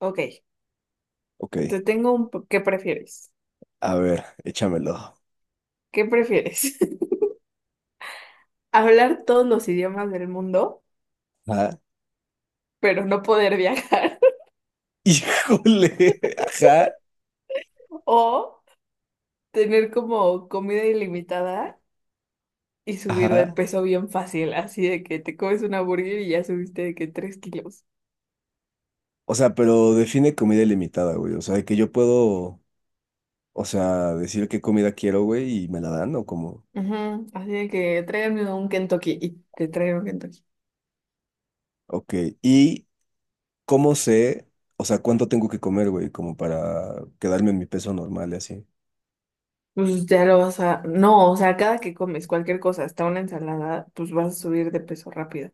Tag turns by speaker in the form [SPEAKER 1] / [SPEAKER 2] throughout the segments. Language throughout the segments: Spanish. [SPEAKER 1] Ok,
[SPEAKER 2] Ok,
[SPEAKER 1] te tengo un po- ¿Qué prefieres?
[SPEAKER 2] a ver, échamelo.
[SPEAKER 1] ¿Qué prefieres? ¿Hablar todos los idiomas del mundo,
[SPEAKER 2] Ajá.
[SPEAKER 1] pero no poder viajar?
[SPEAKER 2] Híjole, ajá,
[SPEAKER 1] ¿O tener como comida ilimitada y subir de
[SPEAKER 2] ajá.
[SPEAKER 1] peso bien fácil? Así de que te comes una burger y ya subiste de que 3 kilos.
[SPEAKER 2] O sea, pero define comida ilimitada, güey. O sea, que yo puedo, o sea, decir qué comida quiero, güey, y me la dan, o como.
[SPEAKER 1] Ujú, así de que tráigame un Kentucky y te traigo un Kentucky.
[SPEAKER 2] Ok, y cómo sé, o sea, cuánto tengo que comer, güey, como para quedarme en mi peso normal y así.
[SPEAKER 1] Pues ya lo vas a. No, o sea, cada que comes cualquier cosa, hasta una ensalada, pues vas a subir de peso rápido.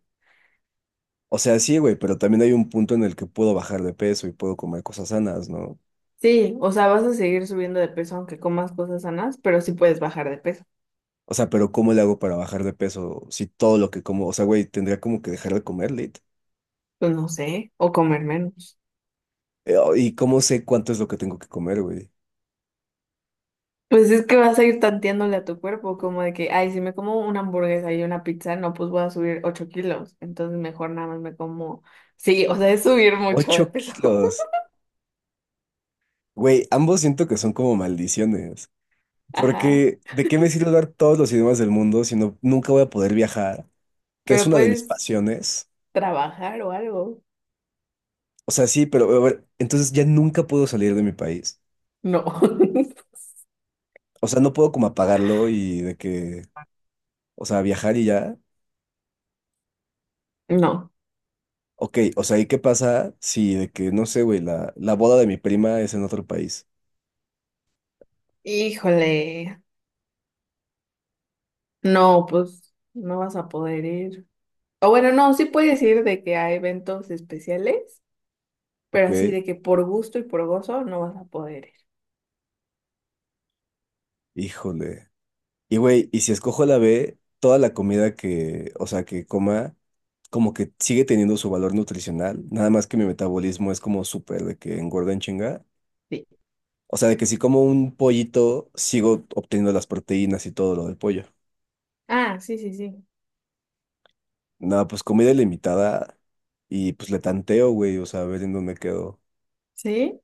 [SPEAKER 2] O sea, sí, güey, pero también hay un punto en el que puedo bajar de peso y puedo comer cosas sanas, ¿no?
[SPEAKER 1] Sí, o sea, vas a seguir subiendo de peso aunque comas cosas sanas, pero sí puedes bajar de peso.
[SPEAKER 2] O sea, pero ¿cómo le hago para bajar de peso si todo lo que como, o sea, güey, tendría como que dejar de comer, lit?
[SPEAKER 1] Pues no sé, o comer menos.
[SPEAKER 2] Oh, ¿Y cómo sé cuánto es lo que tengo que comer, güey?
[SPEAKER 1] Pues es que vas a ir tanteándole a tu cuerpo, como de que, ay, si me como una hamburguesa y una pizza, no, pues voy a subir 8 kilos. Entonces mejor nada más me como. Sí, o sea, es subir mucho de
[SPEAKER 2] Ocho
[SPEAKER 1] peso.
[SPEAKER 2] kilos. Güey, ambos siento que son como maldiciones.
[SPEAKER 1] Ajá.
[SPEAKER 2] Porque, ¿de qué me sirve hablar todos los idiomas del mundo si no, nunca voy a poder viajar? Que es
[SPEAKER 1] Pero
[SPEAKER 2] una de mis
[SPEAKER 1] puedes
[SPEAKER 2] pasiones.
[SPEAKER 1] trabajar o algo.
[SPEAKER 2] O sea, sí, pero a ver, entonces ya nunca puedo salir de mi país.
[SPEAKER 1] No.
[SPEAKER 2] O sea, no puedo como apagarlo y de que, o sea, viajar y ya.
[SPEAKER 1] No.
[SPEAKER 2] Ok, o sea, ¿y qué pasa si de que, no sé, güey, la boda de mi prima es en otro país?
[SPEAKER 1] Híjole. No, pues no vas a poder ir. O bueno, no, sí puedes ir de que a eventos especiales, pero
[SPEAKER 2] Ok,
[SPEAKER 1] así de que por gusto y por gozo no vas a poder ir.
[SPEAKER 2] híjole. Y güey, y si escojo la B, toda la comida que, o sea, que coma, como que sigue teniendo su valor nutricional, nada más que mi metabolismo es como súper de que engorda en chinga.
[SPEAKER 1] Sí.
[SPEAKER 2] O sea, de que si como un pollito, sigo obteniendo las proteínas y todo lo del pollo.
[SPEAKER 1] Ah, sí, sí, sí.
[SPEAKER 2] Nada, pues comida ilimitada y pues le tanteo, güey, o sea, a ver en dónde quedo.
[SPEAKER 1] ¿Sí?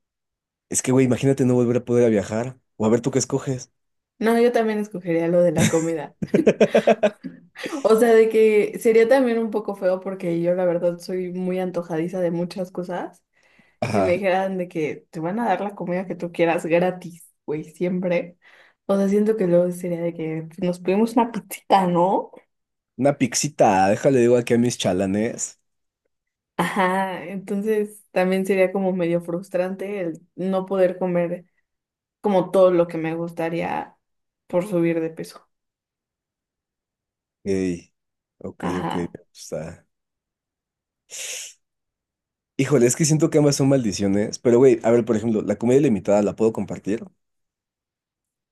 [SPEAKER 2] Es que, güey, imagínate no volver a poder a viajar. O a ver tú qué escoges.
[SPEAKER 1] No, yo también escogería lo de la comida. O sea, de que sería también un poco feo porque yo la verdad soy muy antojadiza de muchas cosas. Y si me
[SPEAKER 2] Ajá.
[SPEAKER 1] dijeran de que te van a dar la comida que tú quieras gratis, güey, siempre. O sea, siento que luego sería de que nos pedimos una pizzita, ¿no?
[SPEAKER 2] Una pixita, déjale digo aquí a mis chalanes.
[SPEAKER 1] Ajá, entonces también sería como medio frustrante el no poder comer como todo lo que me gustaría por subir de peso.
[SPEAKER 2] Ey, ok, ok, me
[SPEAKER 1] Ajá.
[SPEAKER 2] gusta. Híjole, es que siento que ambas son maldiciones, pero güey, a ver, por ejemplo, la comida ilimitada la puedo compartir.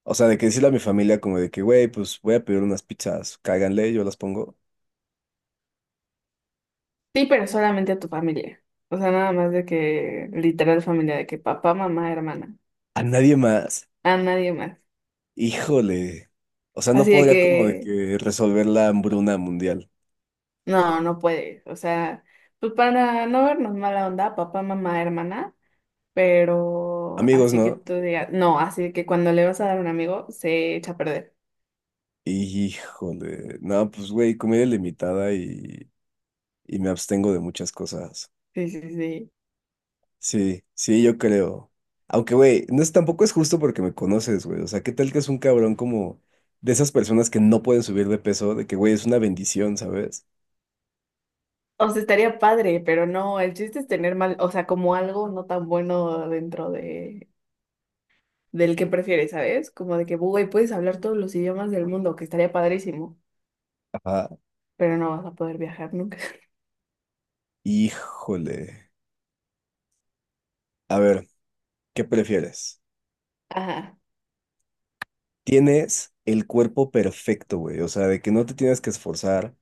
[SPEAKER 2] O sea, de que decirle a mi familia como de que, güey, pues voy a pedir unas pizzas, cáiganle, yo las pongo.
[SPEAKER 1] Sí, pero solamente a tu familia. O sea, nada más de que literal familia, de que papá, mamá, hermana,
[SPEAKER 2] A nadie más.
[SPEAKER 1] a nadie más.
[SPEAKER 2] Híjole. O sea, no
[SPEAKER 1] Así de
[SPEAKER 2] podría como de
[SPEAKER 1] que
[SPEAKER 2] que resolver la hambruna mundial.
[SPEAKER 1] no, no puedes. O sea, pues para no vernos mala onda, papá, mamá, hermana, pero
[SPEAKER 2] Amigos,
[SPEAKER 1] así que
[SPEAKER 2] ¿no?
[SPEAKER 1] tú digas, no, así de que cuando le vas a dar a un amigo se echa a perder.
[SPEAKER 2] Híjole. No, pues güey, comida ilimitada y me abstengo de muchas cosas.
[SPEAKER 1] Sí, sí, sí.
[SPEAKER 2] Sí, sí, yo creo. Aunque, güey, no es, tampoco es justo porque me conoces, güey. O sea, ¿qué tal que es un cabrón como de esas personas que no pueden subir de peso? De que, güey, es una bendición, ¿sabes?
[SPEAKER 1] O sea, estaría padre, pero no, el chiste es tener mal, o sea, como algo no tan bueno dentro de del que prefieres, ¿sabes? Como de que, güey, puedes hablar todos los idiomas del mundo, que estaría padrísimo,
[SPEAKER 2] Ajá.
[SPEAKER 1] pero no vas a poder viajar nunca.
[SPEAKER 2] Híjole. A ver, ¿qué prefieres?
[SPEAKER 1] Ajá,
[SPEAKER 2] Tienes el cuerpo perfecto, güey. O sea, de que no te tienes que esforzar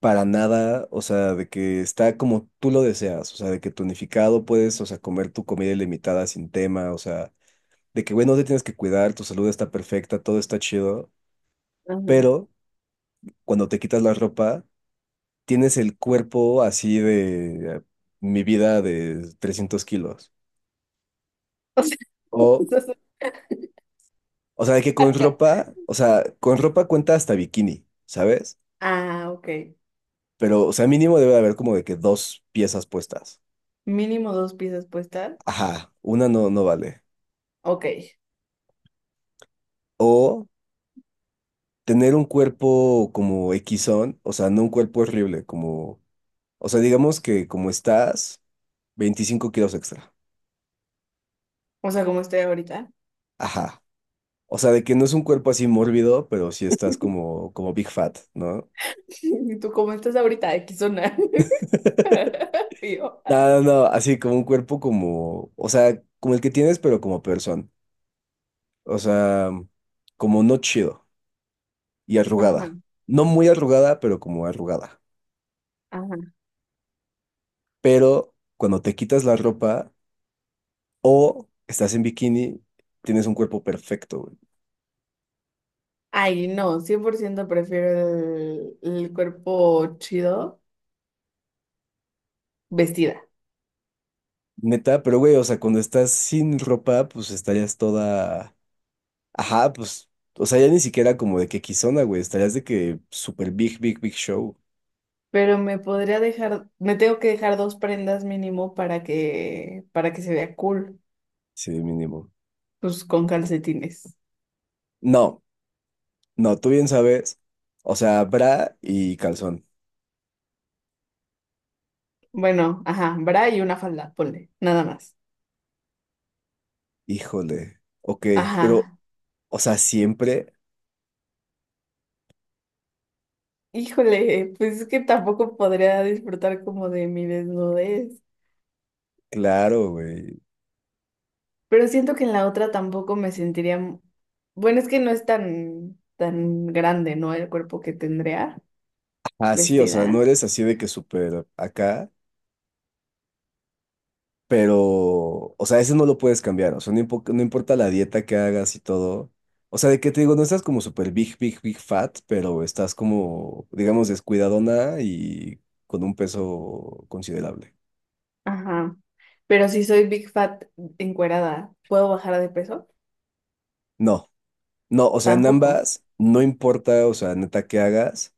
[SPEAKER 2] para nada. O sea, de que está como tú lo deseas. O sea, de que tonificado puedes, o sea, comer tu comida ilimitada sin tema. O sea, de que, güey, no te tienes que cuidar, tu salud está perfecta, todo está chido.
[SPEAKER 1] ajá.
[SPEAKER 2] Pero cuando te quitas la ropa, tienes el cuerpo así de mi vida de 300 kilos.
[SPEAKER 1] O sea,
[SPEAKER 2] O,
[SPEAKER 1] eso es
[SPEAKER 2] o sea, de que con
[SPEAKER 1] ajá.
[SPEAKER 2] ropa, o sea, con ropa cuenta hasta bikini, ¿sabes?
[SPEAKER 1] Ah, ok.
[SPEAKER 2] Pero, o sea, mínimo debe de haber como de que dos piezas puestas.
[SPEAKER 1] Mínimo dos piezas puestas.
[SPEAKER 2] Ajá, una no, no vale.
[SPEAKER 1] Ok.
[SPEAKER 2] O tener un cuerpo como equisón, o sea, no un cuerpo horrible, como, o sea, digamos que como estás, 25 kilos extra.
[SPEAKER 1] O sea, como estoy ahorita.
[SPEAKER 2] Ajá. O sea, de que no es un cuerpo así mórbido, pero sí estás como, como Big Fat, ¿no?
[SPEAKER 1] ¿Y tú cómo estás ahorita? X zona. Y yo,
[SPEAKER 2] No,
[SPEAKER 1] ah.
[SPEAKER 2] no, no, así como un cuerpo como, o sea, como el que tienes, pero como persona. O sea, como no chido y
[SPEAKER 1] Ajá,
[SPEAKER 2] arrugada. No muy arrugada, pero como arrugada.
[SPEAKER 1] ajá.
[SPEAKER 2] Pero cuando te quitas la ropa o estás en bikini, tienes un cuerpo perfecto, güey.
[SPEAKER 1] Ay, no, 100% prefiero el cuerpo chido vestida.
[SPEAKER 2] Neta, pero güey, o sea, cuando estás sin ropa, pues estarías toda. Ajá, pues, o sea, ya ni siquiera como de que Kizona, güey, estarías de que super big, big, big show,
[SPEAKER 1] Pero me podría dejar, me tengo que dejar dos prendas mínimo para que se vea cool,
[SPEAKER 2] sí, mínimo.
[SPEAKER 1] pues con calcetines.
[SPEAKER 2] No, no, tú bien sabes, o sea, bra y calzón,
[SPEAKER 1] Bueno, ajá, bra y una falda, ponle, nada más.
[SPEAKER 2] híjole, ok, pero,
[SPEAKER 1] Ajá.
[SPEAKER 2] o sea, siempre,
[SPEAKER 1] Híjole, pues es que tampoco podría disfrutar como de mi desnudez.
[SPEAKER 2] claro, güey.
[SPEAKER 1] Pero siento que en la otra tampoco me sentiría. Bueno, es que no es tan, tan grande, ¿no? El cuerpo que tendría
[SPEAKER 2] Ah, sí, o sea, no
[SPEAKER 1] vestida.
[SPEAKER 2] eres así de que súper acá. Pero, o sea, ese no lo puedes cambiar. O sea, no, no importa la dieta que hagas y todo. O sea, de que te digo, no estás como súper big, big, big fat, pero estás como, digamos, descuidadona y con un peso considerable.
[SPEAKER 1] Ajá. Pero si soy big fat encuerada, ¿puedo bajar de peso?
[SPEAKER 2] No, no, o sea, en
[SPEAKER 1] Tampoco.
[SPEAKER 2] ambas, no importa, o sea, neta que hagas,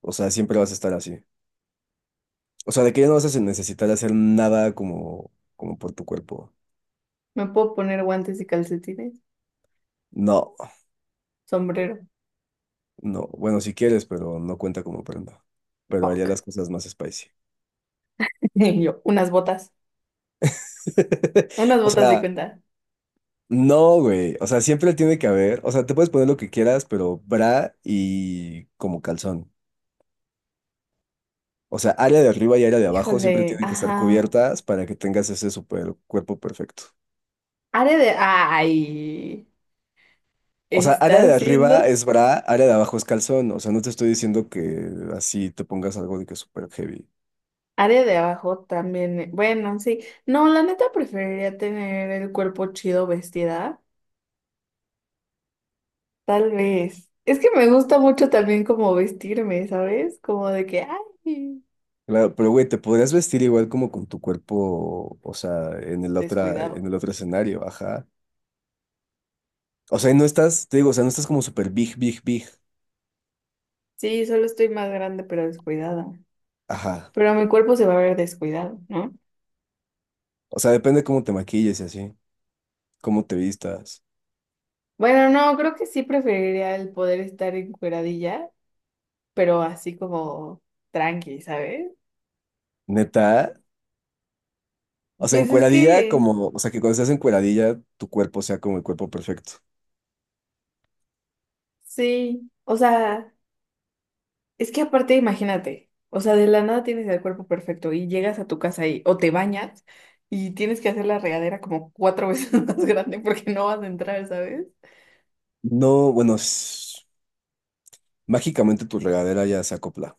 [SPEAKER 2] o sea, siempre vas a estar así. O sea, de que ya no vas a necesitar hacer nada como, como por tu cuerpo.
[SPEAKER 1] ¿Me puedo poner guantes y calcetines?
[SPEAKER 2] No,
[SPEAKER 1] Sombrero.
[SPEAKER 2] no, bueno, si quieres, pero no cuenta como prenda. Pero haría
[SPEAKER 1] Fuck.
[SPEAKER 2] las cosas más spicy.
[SPEAKER 1] Y yo, unas botas. Unas
[SPEAKER 2] O
[SPEAKER 1] botas y
[SPEAKER 2] sea,
[SPEAKER 1] cuenta.
[SPEAKER 2] no, güey. O sea, siempre tiene que haber. O sea, te puedes poner lo que quieras, pero bra y como calzón. O sea, área de arriba y área de abajo siempre
[SPEAKER 1] Híjole,
[SPEAKER 2] tienen que estar
[SPEAKER 1] ajá.
[SPEAKER 2] cubiertas para que tengas ese super cuerpo perfecto.
[SPEAKER 1] Área de. Ay,
[SPEAKER 2] O sea, área
[SPEAKER 1] está
[SPEAKER 2] de arriba
[SPEAKER 1] haciendo.
[SPEAKER 2] es bra, área de abajo es calzón. O sea, no te estoy diciendo que así te pongas algo de que es súper heavy.
[SPEAKER 1] Área de abajo también. Bueno, sí. No, la neta preferiría tener el cuerpo chido vestida. Tal vez. Es que me gusta mucho también como vestirme, ¿sabes? Como de que, ay,
[SPEAKER 2] Claro, pero güey, te podrías vestir igual como con tu cuerpo, o sea, en
[SPEAKER 1] descuidado.
[SPEAKER 2] el otro escenario, ajá. O sea, y no estás, te digo, o sea, no estás como súper big, big, big.
[SPEAKER 1] Sí, solo estoy más grande, pero descuidada.
[SPEAKER 2] Ajá.
[SPEAKER 1] Pero mi cuerpo se va a ver descuidado, ¿no?
[SPEAKER 2] O sea, depende cómo te maquilles y así, cómo te vistas.
[SPEAKER 1] Bueno, no, creo que sí preferiría el poder estar encueradilla, pero así como tranqui, ¿sabes?
[SPEAKER 2] Neta. O sea,
[SPEAKER 1] Pues es
[SPEAKER 2] encueradilla,
[SPEAKER 1] que
[SPEAKER 2] como, o sea, que cuando estás encueradilla, tu cuerpo sea como el cuerpo perfecto.
[SPEAKER 1] sí, o sea, es que aparte imagínate, o sea, de la nada tienes el cuerpo perfecto y llegas a tu casa y o te bañas y tienes que hacer la regadera como cuatro veces más grande porque no vas a entrar, ¿sabes?
[SPEAKER 2] No, bueno, mágicamente tu regadera ya se acopla.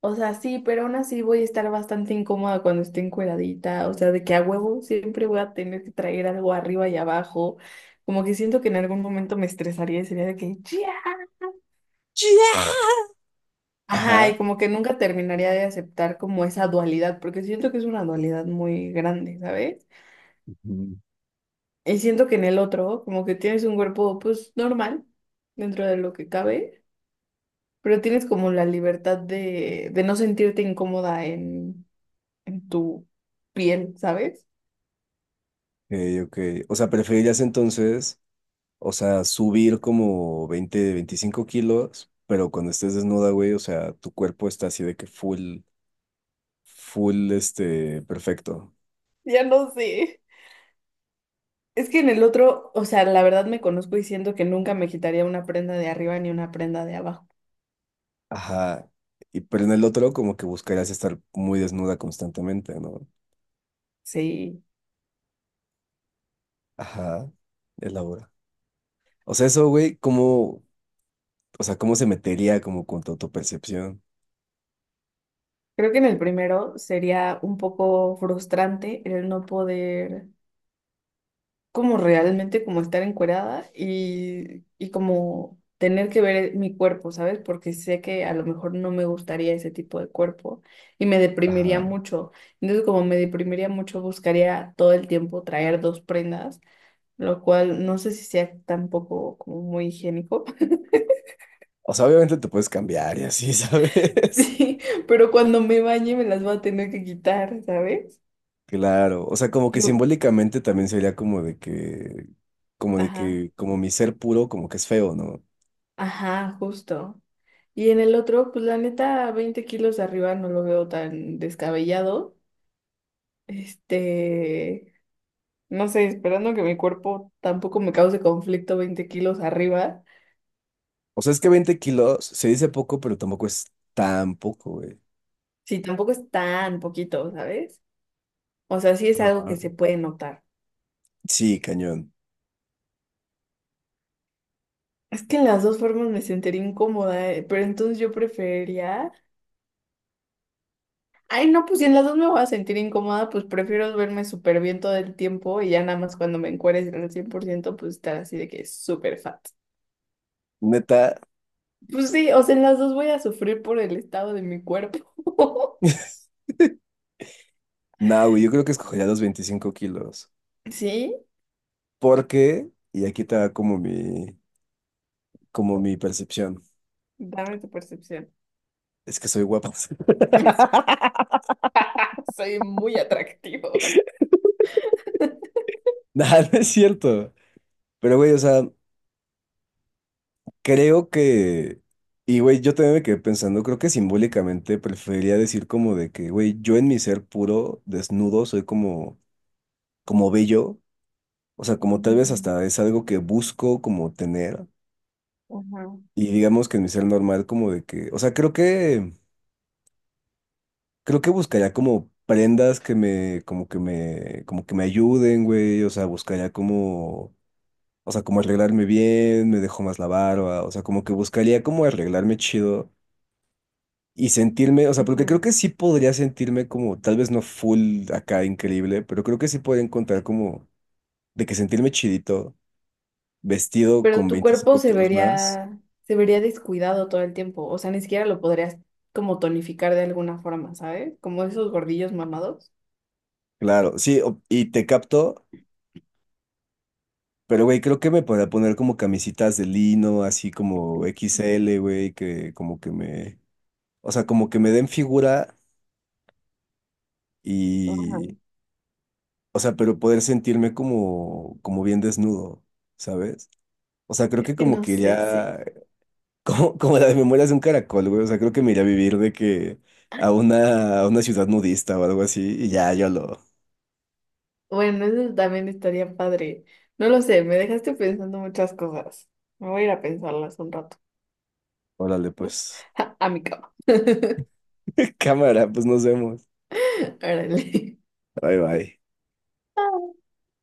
[SPEAKER 1] O sea, sí, pero aún así voy a estar bastante incómoda cuando esté encueradita, o sea, de que a huevo siempre voy a tener que traer algo arriba y abajo, como que siento que en algún momento me estresaría y sería de que ya. Ajá, y
[SPEAKER 2] Ajá.
[SPEAKER 1] como que nunca terminaría de aceptar como esa dualidad, porque siento que es una dualidad muy grande, ¿sabes?
[SPEAKER 2] Ujú.
[SPEAKER 1] Y siento que en el otro, como que tienes un cuerpo, pues, normal, dentro de lo que cabe, pero tienes como la libertad de no sentirte incómoda en tu piel, ¿sabes?
[SPEAKER 2] Ok, ok. O sea, preferirías entonces, o sea, subir como 20, 25 kilos, pero cuando estés desnuda, güey, o sea, tu cuerpo está así de que full, full, perfecto.
[SPEAKER 1] Ya no sé. Es que en el otro, o sea, la verdad me conozco y siento que nunca me quitaría una prenda de arriba ni una prenda de abajo.
[SPEAKER 2] Ajá. Y, pero en el otro como que buscarías estar muy desnuda constantemente, ¿no?
[SPEAKER 1] Sí.
[SPEAKER 2] Ajá. Elabora. O sea, eso, güey, ¿cómo, o sea, cómo se metería como con tu autopercepción?
[SPEAKER 1] Creo que en el primero sería un poco frustrante el no poder como realmente como estar encuerada y como tener que ver mi cuerpo, ¿sabes? Porque sé que a lo mejor no me gustaría ese tipo de cuerpo y me deprimiría
[SPEAKER 2] Ajá.
[SPEAKER 1] mucho. Entonces, como me deprimiría mucho, buscaría todo el tiempo traer dos prendas lo cual no sé si sea tampoco como muy higiénico,
[SPEAKER 2] O sea, obviamente te puedes cambiar y así, ¿sabes?
[SPEAKER 1] sí, pero cuando me bañe me las voy a tener que quitar, ¿sabes?
[SPEAKER 2] Claro. O sea, como que
[SPEAKER 1] Y yo,
[SPEAKER 2] simbólicamente también sería como de que, como de
[SPEAKER 1] ajá,
[SPEAKER 2] que, como, mi ser puro, como que es feo, ¿no?
[SPEAKER 1] ajá, justo. Y en el otro, pues la neta, 20 kilos arriba no lo veo tan descabellado. Este, no sé, esperando que mi cuerpo tampoco me cause conflicto 20 kilos arriba,
[SPEAKER 2] O sea, es que 20 kilos se dice poco, pero tampoco es tan poco, güey.
[SPEAKER 1] sí, tampoco es tan poquito, ¿sabes? O sea, sí es algo
[SPEAKER 2] Ajá.
[SPEAKER 1] que se puede notar.
[SPEAKER 2] Sí, cañón.
[SPEAKER 1] Es que en las dos formas me sentiría incómoda, pero entonces yo preferiría. Ay, no, pues si en las dos me voy a sentir incómoda, pues prefiero verme súper bien todo el tiempo y ya nada más cuando me encueres en el 100%, pues estar así de que es súper fat.
[SPEAKER 2] Neta.
[SPEAKER 1] Pues sí, o sea, en las dos voy a sufrir por el estado de mi cuerpo.
[SPEAKER 2] No, güey, yo creo que escogería los 25 kilos.
[SPEAKER 1] ¿Sí?
[SPEAKER 2] Porque, y aquí te va como mi percepción,
[SPEAKER 1] Dame tu percepción.
[SPEAKER 2] es que soy guapo.
[SPEAKER 1] Soy muy atractivo.
[SPEAKER 2] Nada, no es cierto. Pero, güey, o sea, creo que... Y, güey, yo también me quedé pensando, creo que simbólicamente preferiría decir como de que, güey, yo en mi ser puro, desnudo, soy como bello. O sea, como tal vez
[SPEAKER 1] Ujú,
[SPEAKER 2] hasta es algo que busco como tener.
[SPEAKER 1] ujú,
[SPEAKER 2] Y digamos que en mi ser normal como de que... O sea, creo que... Creo que buscaría como prendas como que me ayuden, güey. O sea, buscaría como, o sea, como arreglarme bien, me dejo más la barba. O sea, como que buscaría como arreglarme chido y sentirme, o sea, porque creo
[SPEAKER 1] ujú.
[SPEAKER 2] que sí podría sentirme como, tal vez no full acá increíble, pero creo que sí podría encontrar como de que sentirme chidito, vestido
[SPEAKER 1] Pero
[SPEAKER 2] con
[SPEAKER 1] tu cuerpo
[SPEAKER 2] 25 kilos más.
[SPEAKER 1] se vería descuidado todo el tiempo. O sea, ni siquiera lo podrías como tonificar de alguna forma, ¿sabes? Como esos gordillos mamados.
[SPEAKER 2] Claro, sí, y te capto. Pero, güey, creo que me podría poner como camisitas de lino, así como XL güey, que como que me, o sea, como que me den figura
[SPEAKER 1] Ah,
[SPEAKER 2] y, o sea, pero poder sentirme como bien desnudo, ¿sabes? O sea, creo
[SPEAKER 1] es
[SPEAKER 2] que
[SPEAKER 1] que
[SPEAKER 2] como
[SPEAKER 1] no
[SPEAKER 2] que
[SPEAKER 1] sé sí
[SPEAKER 2] iría, como las memorias de un caracol, güey, o sea, creo que me iría a vivir de que a una ciudad nudista o algo así y ya, yo lo,
[SPEAKER 1] Bueno, eso también estaría padre. No lo sé, me dejaste pensando muchas cosas. Me voy a ir a pensarlas un rato.
[SPEAKER 2] órale, pues,
[SPEAKER 1] A mi cama.
[SPEAKER 2] cámara, pues nos vemos.
[SPEAKER 1] Órale.
[SPEAKER 2] Bye, bye.